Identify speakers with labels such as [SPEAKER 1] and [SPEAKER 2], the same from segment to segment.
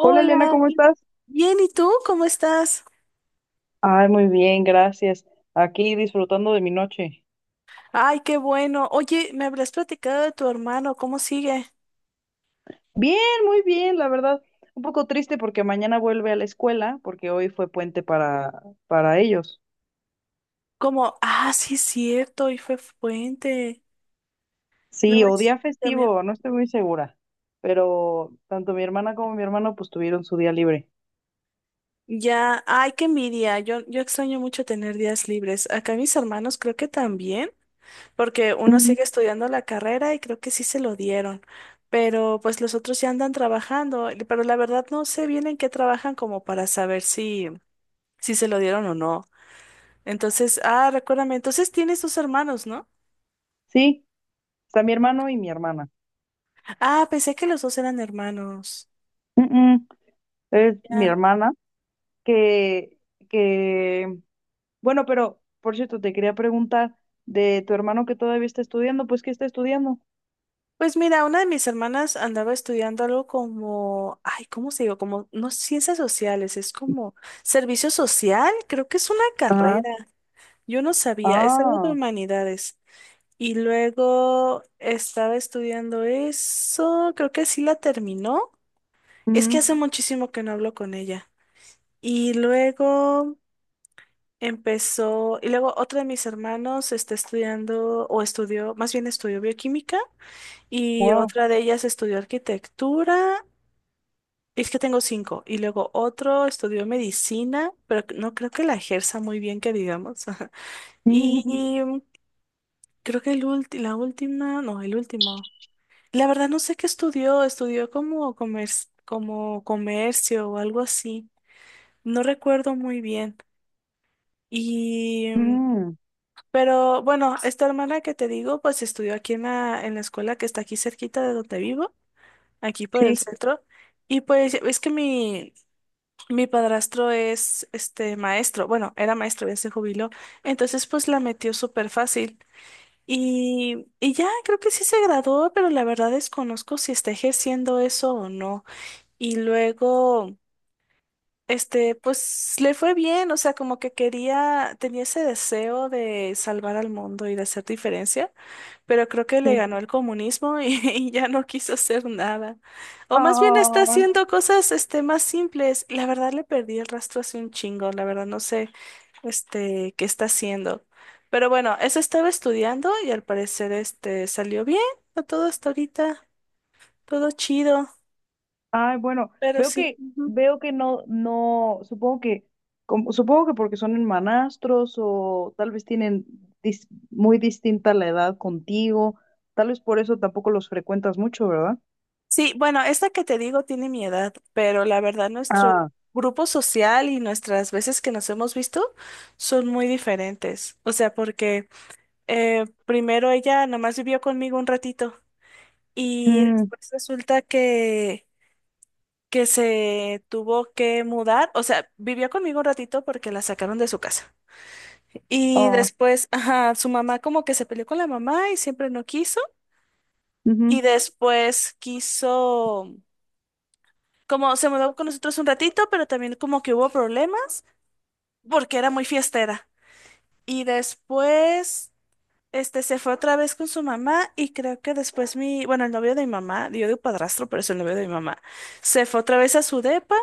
[SPEAKER 1] Hola Elena, ¿cómo
[SPEAKER 2] qué-
[SPEAKER 1] estás?
[SPEAKER 2] Bien, ¿y tú cómo estás?
[SPEAKER 1] Ay, muy bien, gracias. Aquí disfrutando de mi noche.
[SPEAKER 2] Ay, qué bueno. Oye, me habrás platicado de tu hermano, ¿cómo sigue?
[SPEAKER 1] Bien, muy bien, la verdad. Un poco triste porque mañana vuelve a la escuela, porque hoy fue puente para ellos.
[SPEAKER 2] Como, sí, es cierto, y fue fuente.
[SPEAKER 1] Sí,
[SPEAKER 2] No
[SPEAKER 1] o
[SPEAKER 2] manches,
[SPEAKER 1] día
[SPEAKER 2] también.
[SPEAKER 1] festivo, no estoy muy segura. Pero tanto mi hermana como mi hermano pues tuvieron su día libre.
[SPEAKER 2] Ya, ay, qué envidia. Yo extraño mucho tener días libres. Acá mis hermanos creo que también, porque uno
[SPEAKER 1] Ujú.
[SPEAKER 2] sigue estudiando la carrera y creo que sí se lo dieron. Pero pues los otros ya andan trabajando, pero la verdad no sé bien en qué trabajan como para saber si se lo dieron o no. Entonces, recuérdame, entonces tienes dos hermanos, ¿no?
[SPEAKER 1] Sí, está mi hermano y mi hermana.
[SPEAKER 2] Ah, pensé que los dos eran hermanos.
[SPEAKER 1] Mm, mm, Es mi
[SPEAKER 2] Ya.
[SPEAKER 1] hermana que, que Bueno, pero por cierto, te quería preguntar de tu hermano que todavía está estudiando, pues ¿qué está estudiando?
[SPEAKER 2] Pues mira, una de mis hermanas andaba estudiando algo como, ay, ¿cómo se digo? Como, no, ciencias sociales, es como servicio social, creo que es una carrera,
[SPEAKER 1] Ajá.
[SPEAKER 2] yo no sabía, es algo de
[SPEAKER 1] Ah.
[SPEAKER 2] humanidades. Y luego estaba estudiando eso, creo que sí la terminó, es que
[SPEAKER 1] Ujú.
[SPEAKER 2] hace muchísimo que no hablo con ella. Y luego... y luego otro de mis hermanos está estudiando, o estudió, más bien estudió bioquímica, y
[SPEAKER 1] Wow.
[SPEAKER 2] otra de ellas estudió arquitectura, es que tengo cinco, y luego otro estudió medicina, pero no creo que la ejerza muy bien, que digamos. Y
[SPEAKER 1] Mm,
[SPEAKER 2] creo que el la última, no, el último. La verdad no sé qué estudió, estudió como comercio o algo así. No recuerdo muy bien. Y mm,
[SPEAKER 1] mm, mm.
[SPEAKER 2] Pero bueno, esta hermana que te digo, pues estudió aquí en la escuela que está aquí cerquita de donde vivo, aquí por el
[SPEAKER 1] Sí,
[SPEAKER 2] centro. Y pues es que mi padrastro es este maestro, bueno, era maestro, ya se jubiló. Entonces pues la metió súper fácil. Y ya creo que sí se graduó, pero la verdad desconozco si está ejerciendo eso o no. Y luego, pues le fue bien, o sea, como que quería, tenía ese deseo de salvar al mundo y de hacer diferencia, pero creo que le
[SPEAKER 1] sí.
[SPEAKER 2] ganó el comunismo y, y ya no quiso hacer nada. O más bien está
[SPEAKER 1] ah,
[SPEAKER 2] haciendo cosas más simples. La verdad le perdí el rastro hace un chingo, la verdad no sé qué está haciendo. Pero bueno, eso estaba estudiando y al parecer salió bien a todo hasta ahorita, todo chido,
[SPEAKER 1] Ay, bueno,
[SPEAKER 2] pero sí. Ujú.
[SPEAKER 1] veo que no, no, supongo que porque son hermanastros o tal vez tienen muy distinta la edad contigo, tal vez por eso tampoco los frecuentas mucho, ¿verdad?
[SPEAKER 2] Sí, bueno, esta que te digo tiene mi edad, pero la verdad nuestro
[SPEAKER 1] ah,
[SPEAKER 2] grupo social y nuestras veces que nos hemos visto son muy diferentes. O sea, porque... Primero ella nada más vivió conmigo un ratito y
[SPEAKER 1] mm,
[SPEAKER 2] después resulta que se tuvo que mudar, o sea, vivió conmigo un ratito porque la sacaron de su casa. Y
[SPEAKER 1] oh.
[SPEAKER 2] después, ajá, su mamá como que se peleó con la mamá y siempre no quiso.
[SPEAKER 1] Ujú.
[SPEAKER 2] Y después quiso, como se mudó con nosotros un ratito, pero también como que hubo problemas porque era muy fiestera. Y después se fue otra vez con su mamá y creo que después mi, bueno, el novio de mi mamá, yo digo padrastro, pero es el novio de mi mamá, se fue otra vez a su depa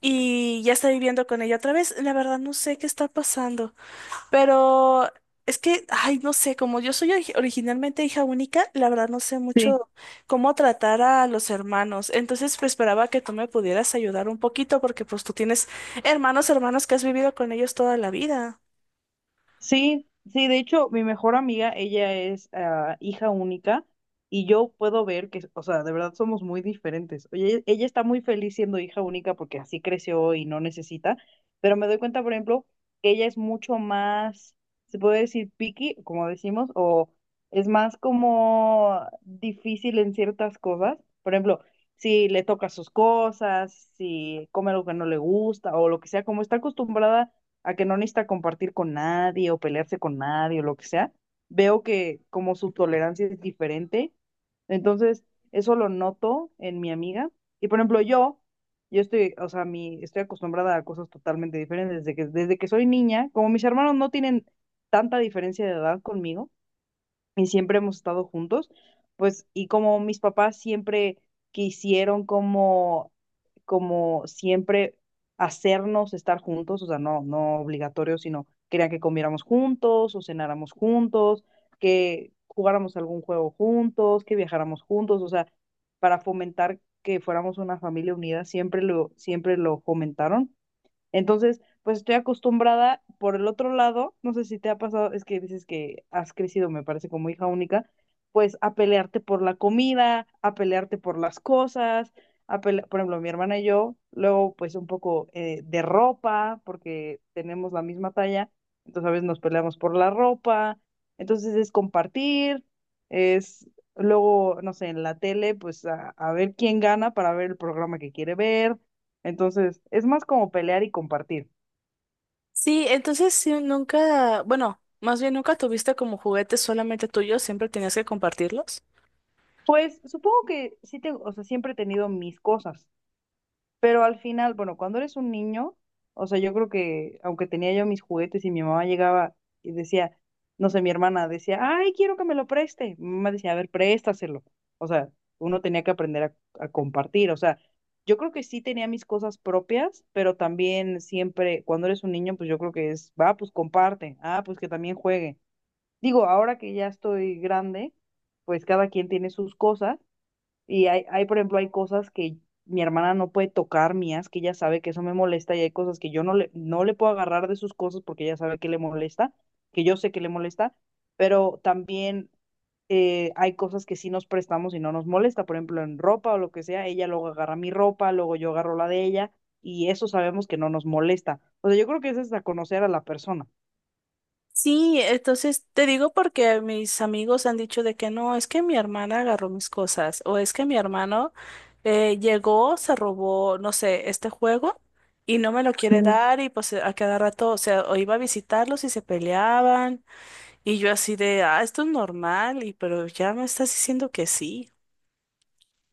[SPEAKER 2] y ya está viviendo con ella otra vez. La verdad no sé qué está pasando, pero es que, ay, no sé, como yo soy originalmente hija única, la verdad no sé
[SPEAKER 1] Sí.
[SPEAKER 2] mucho cómo tratar a los hermanos. Entonces, pues esperaba que tú me pudieras ayudar un poquito porque pues tú tienes hermanos, hermanos que has vivido con ellos toda la vida.
[SPEAKER 1] Sí, sí, de hecho, mi mejor amiga, ella es hija única y yo puedo ver que, o sea, de verdad somos muy diferentes. Oye, ella está muy feliz siendo hija única porque así creció y no necesita, pero me doy cuenta, por ejemplo, que ella es mucho más, se puede decir picky, como decimos, o es más como difícil en ciertas cosas. Por ejemplo, si le toca sus cosas, si come algo que no le gusta o lo que sea, como está acostumbrada a que no necesita compartir con nadie o pelearse con nadie o lo que sea, veo que como su tolerancia es diferente. Entonces, eso lo noto en mi amiga. Y por ejemplo, yo estoy, o sea, mi, estoy acostumbrada a cosas totalmente diferentes desde que soy niña. Como mis hermanos no tienen tanta diferencia de edad conmigo, y siempre hemos estado juntos, pues, y como mis papás siempre quisieron como, como siempre hacernos estar juntos, o sea, no, no obligatorio, sino querían que comiéramos juntos o cenáramos juntos, que jugáramos algún juego juntos, que viajáramos juntos, o sea, para fomentar que fuéramos una familia unida, siempre lo fomentaron. Entonces, pues estoy acostumbrada por el otro lado, no sé si te ha pasado, es que dices que has crecido, me parece, como hija única, pues a pelearte por la comida, a pelearte por las cosas, por ejemplo, mi hermana y yo, luego pues un poco de ropa, porque tenemos la misma talla, entonces a veces nos peleamos por la ropa, entonces es compartir, es luego, no sé, en la tele, pues a ver quién gana para ver el programa que quiere ver, entonces, es más como pelear y compartir.
[SPEAKER 2] Sí, entonces sí, nunca, bueno, más bien nunca tuviste como juguetes solamente tuyos, siempre tenías que compartirlos.
[SPEAKER 1] Pues supongo que sí tengo, o sea, siempre he tenido mis cosas, pero al final, bueno, cuando eres un niño, o sea, yo creo que aunque tenía yo mis juguetes y mi mamá llegaba y decía, no sé, mi hermana decía, ay, quiero que me lo preste. Mi mamá decía, a ver, préstaselo. O sea, uno tenía que aprender a compartir. O sea, yo creo que sí tenía mis cosas propias, pero también siempre, cuando eres un niño, pues yo creo que es, va, pues comparte, ah, pues que también juegue. Digo, ahora que ya estoy grande, pues cada quien tiene sus cosas y hay, por ejemplo, hay cosas que mi hermana no puede tocar mías, que ella sabe que eso me molesta y hay cosas que yo no le puedo agarrar de sus cosas porque ella sabe que le molesta, que yo sé que le molesta, pero también hay cosas que sí nos prestamos y no nos molesta, por ejemplo, en ropa o lo que sea, ella luego agarra mi ropa, luego yo agarro la de ella y eso sabemos que no nos molesta. O sea, yo creo que eso es a conocer a la persona.
[SPEAKER 2] Sí, entonces te digo porque mis amigos han dicho de que no, es que mi hermana agarró mis cosas o es que mi hermano llegó, se robó, no sé, este juego y no me lo quiere dar y pues a cada rato, o sea, o iba a visitarlos y se peleaban y yo así de, ah, esto es normal y pero ya me estás diciendo que sí.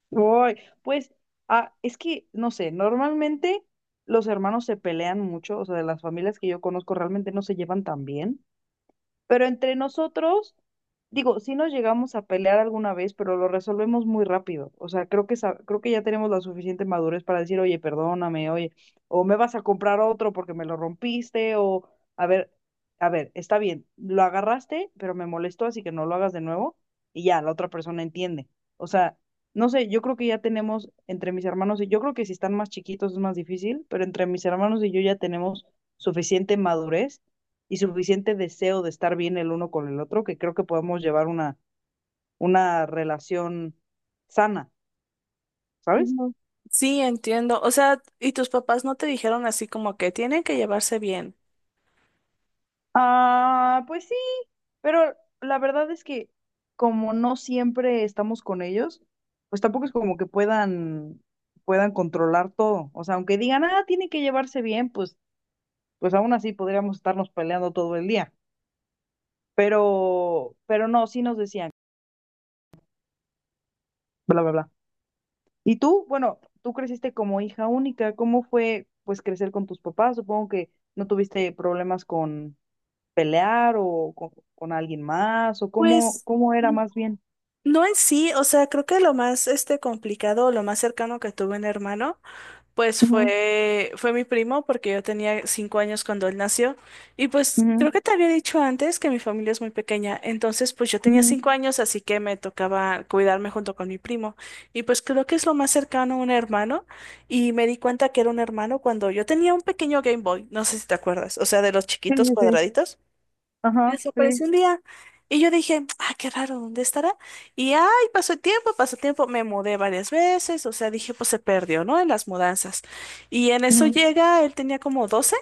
[SPEAKER 1] Uy, pues es que, no sé, normalmente los hermanos se pelean mucho, o sea, de las familias que yo conozco realmente no se llevan tan bien. Pero entre nosotros, digo, sí nos llegamos a pelear alguna vez, pero lo resolvemos muy rápido. O sea, creo que ya tenemos la suficiente madurez para decir, oye, perdóname, oye, o me vas a comprar otro porque me lo rompiste, o a ver, a ver, está bien, lo agarraste, pero me molestó, así que no lo hagas de nuevo, y ya, la otra persona entiende. O sea, no sé, yo creo que ya tenemos entre mis hermanos y yo creo que si están más chiquitos es más difícil, pero entre mis hermanos y yo ya tenemos suficiente madurez y suficiente deseo de estar bien el uno con el otro que creo que podemos llevar una relación sana, ¿sabes?
[SPEAKER 2] Ujú. Sí, entiendo. O sea, ¿y tus papás no te dijeron así como que tienen que llevarse bien?
[SPEAKER 1] Ah, pues sí, pero la verdad es que como no siempre estamos con ellos, pues tampoco es como que puedan controlar todo. O sea, aunque digan, ah, tienen que llevarse bien, pues, pues aún así podríamos estarnos peleando todo el día. Pero no, sí nos decían, bla, bla, bla. Y tú, bueno, tú creciste como hija única, ¿cómo fue pues crecer con tus papás? Supongo que no tuviste problemas con pelear o con alguien más, o
[SPEAKER 2] Pues
[SPEAKER 1] cómo era
[SPEAKER 2] mm,
[SPEAKER 1] más bien.
[SPEAKER 2] no en sí, o sea, creo que lo más complicado, lo más cercano que tuve un hermano, pues
[SPEAKER 1] Ujú,
[SPEAKER 2] fue mi primo porque yo tenía 5 años cuando él nació y pues
[SPEAKER 1] ujú,
[SPEAKER 2] creo que te había dicho antes que mi familia es muy pequeña, entonces pues yo tenía
[SPEAKER 1] ujú.
[SPEAKER 2] 5 años así que me tocaba cuidarme junto con mi primo y pues creo que es lo más cercano a un hermano y me di cuenta que era un hermano cuando yo tenía un pequeño Game Boy, no sé si te acuerdas, o sea, de los
[SPEAKER 1] Sí,
[SPEAKER 2] chiquitos
[SPEAKER 1] sí, sí.
[SPEAKER 2] cuadraditos. Y
[SPEAKER 1] Ajá, sí.
[SPEAKER 2] desapareció un día. Y yo dije, ah, qué raro, ¿dónde estará? Y ay, pasó el tiempo, me mudé varias veces, o sea, dije, pues se perdió, ¿no? En las mudanzas. Y en eso
[SPEAKER 1] Ujú,
[SPEAKER 2] llega, él tenía como 12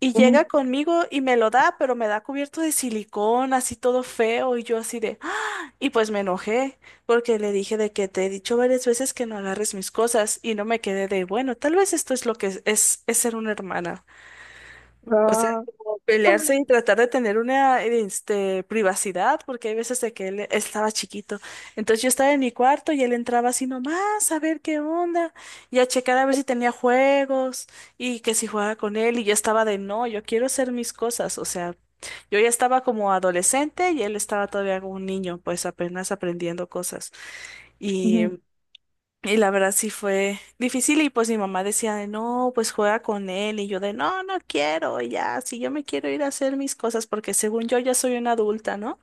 [SPEAKER 2] y
[SPEAKER 1] ujú.
[SPEAKER 2] llega conmigo y me lo da, pero me da cubierto de silicón, así todo feo, y yo así de, ¡ah! Y pues me enojé, porque le dije de que te he dicho varias veces que no agarres mis cosas, y no me quedé de, bueno, tal vez esto es lo que es, es ser una hermana. O sea,
[SPEAKER 1] Ah,
[SPEAKER 2] como pelearse y tratar de tener una privacidad, porque hay veces de que él estaba chiquito. Entonces yo estaba en mi cuarto y él entraba así nomás a ver qué onda y a checar a ver si tenía juegos y que si jugaba con él. Y yo estaba de no, yo quiero hacer mis cosas. O sea, yo ya estaba como adolescente y él estaba todavía como un niño, pues apenas aprendiendo cosas. y
[SPEAKER 1] ujú,
[SPEAKER 2] y la verdad sí fue difícil y pues mi mamá decía de no, pues juega con él y yo de no, no quiero, ya, si yo me quiero ir a hacer mis cosas porque según yo ya soy una adulta, ¿no?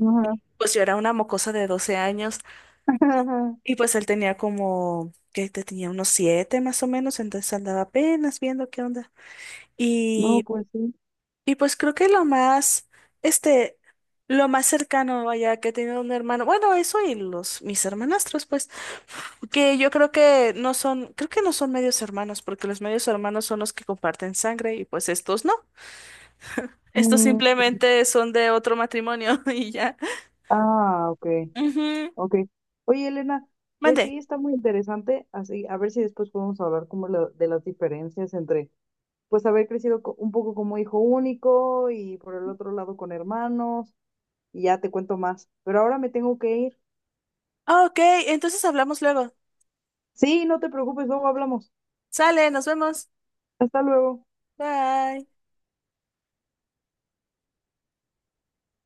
[SPEAKER 1] ajá.
[SPEAKER 2] Pues yo era una mocosa de 12 años y pues él tenía como, que te tenía unos 7 más o menos, entonces andaba apenas viendo qué onda.
[SPEAKER 1] No,
[SPEAKER 2] y
[SPEAKER 1] pues sí.
[SPEAKER 2] Y pues creo que lo más, este, lo más cercano, vaya, que he tenido un hermano, bueno, eso y mis hermanastros, pues, que yo creo que no son medios hermanos, porque los medios hermanos son los que comparten sangre y pues estos no. Estos
[SPEAKER 1] Mm,
[SPEAKER 2] simplemente son de otro matrimonio y ya.
[SPEAKER 1] ah, ok,
[SPEAKER 2] Ujú.
[SPEAKER 1] ok. Oye, Elena, pues
[SPEAKER 2] Mande.
[SPEAKER 1] sí, está muy interesante, así, a ver si después podemos hablar como de las diferencias entre pues haber crecido un poco como hijo único y por el otro lado con hermanos y ya te cuento más. Pero ahora me tengo que ir.
[SPEAKER 2] Ah, ok, entonces hablamos luego.
[SPEAKER 1] Sí, no te preocupes, luego hablamos.
[SPEAKER 2] Sale, nos vemos.
[SPEAKER 1] Hasta luego.
[SPEAKER 2] Bye.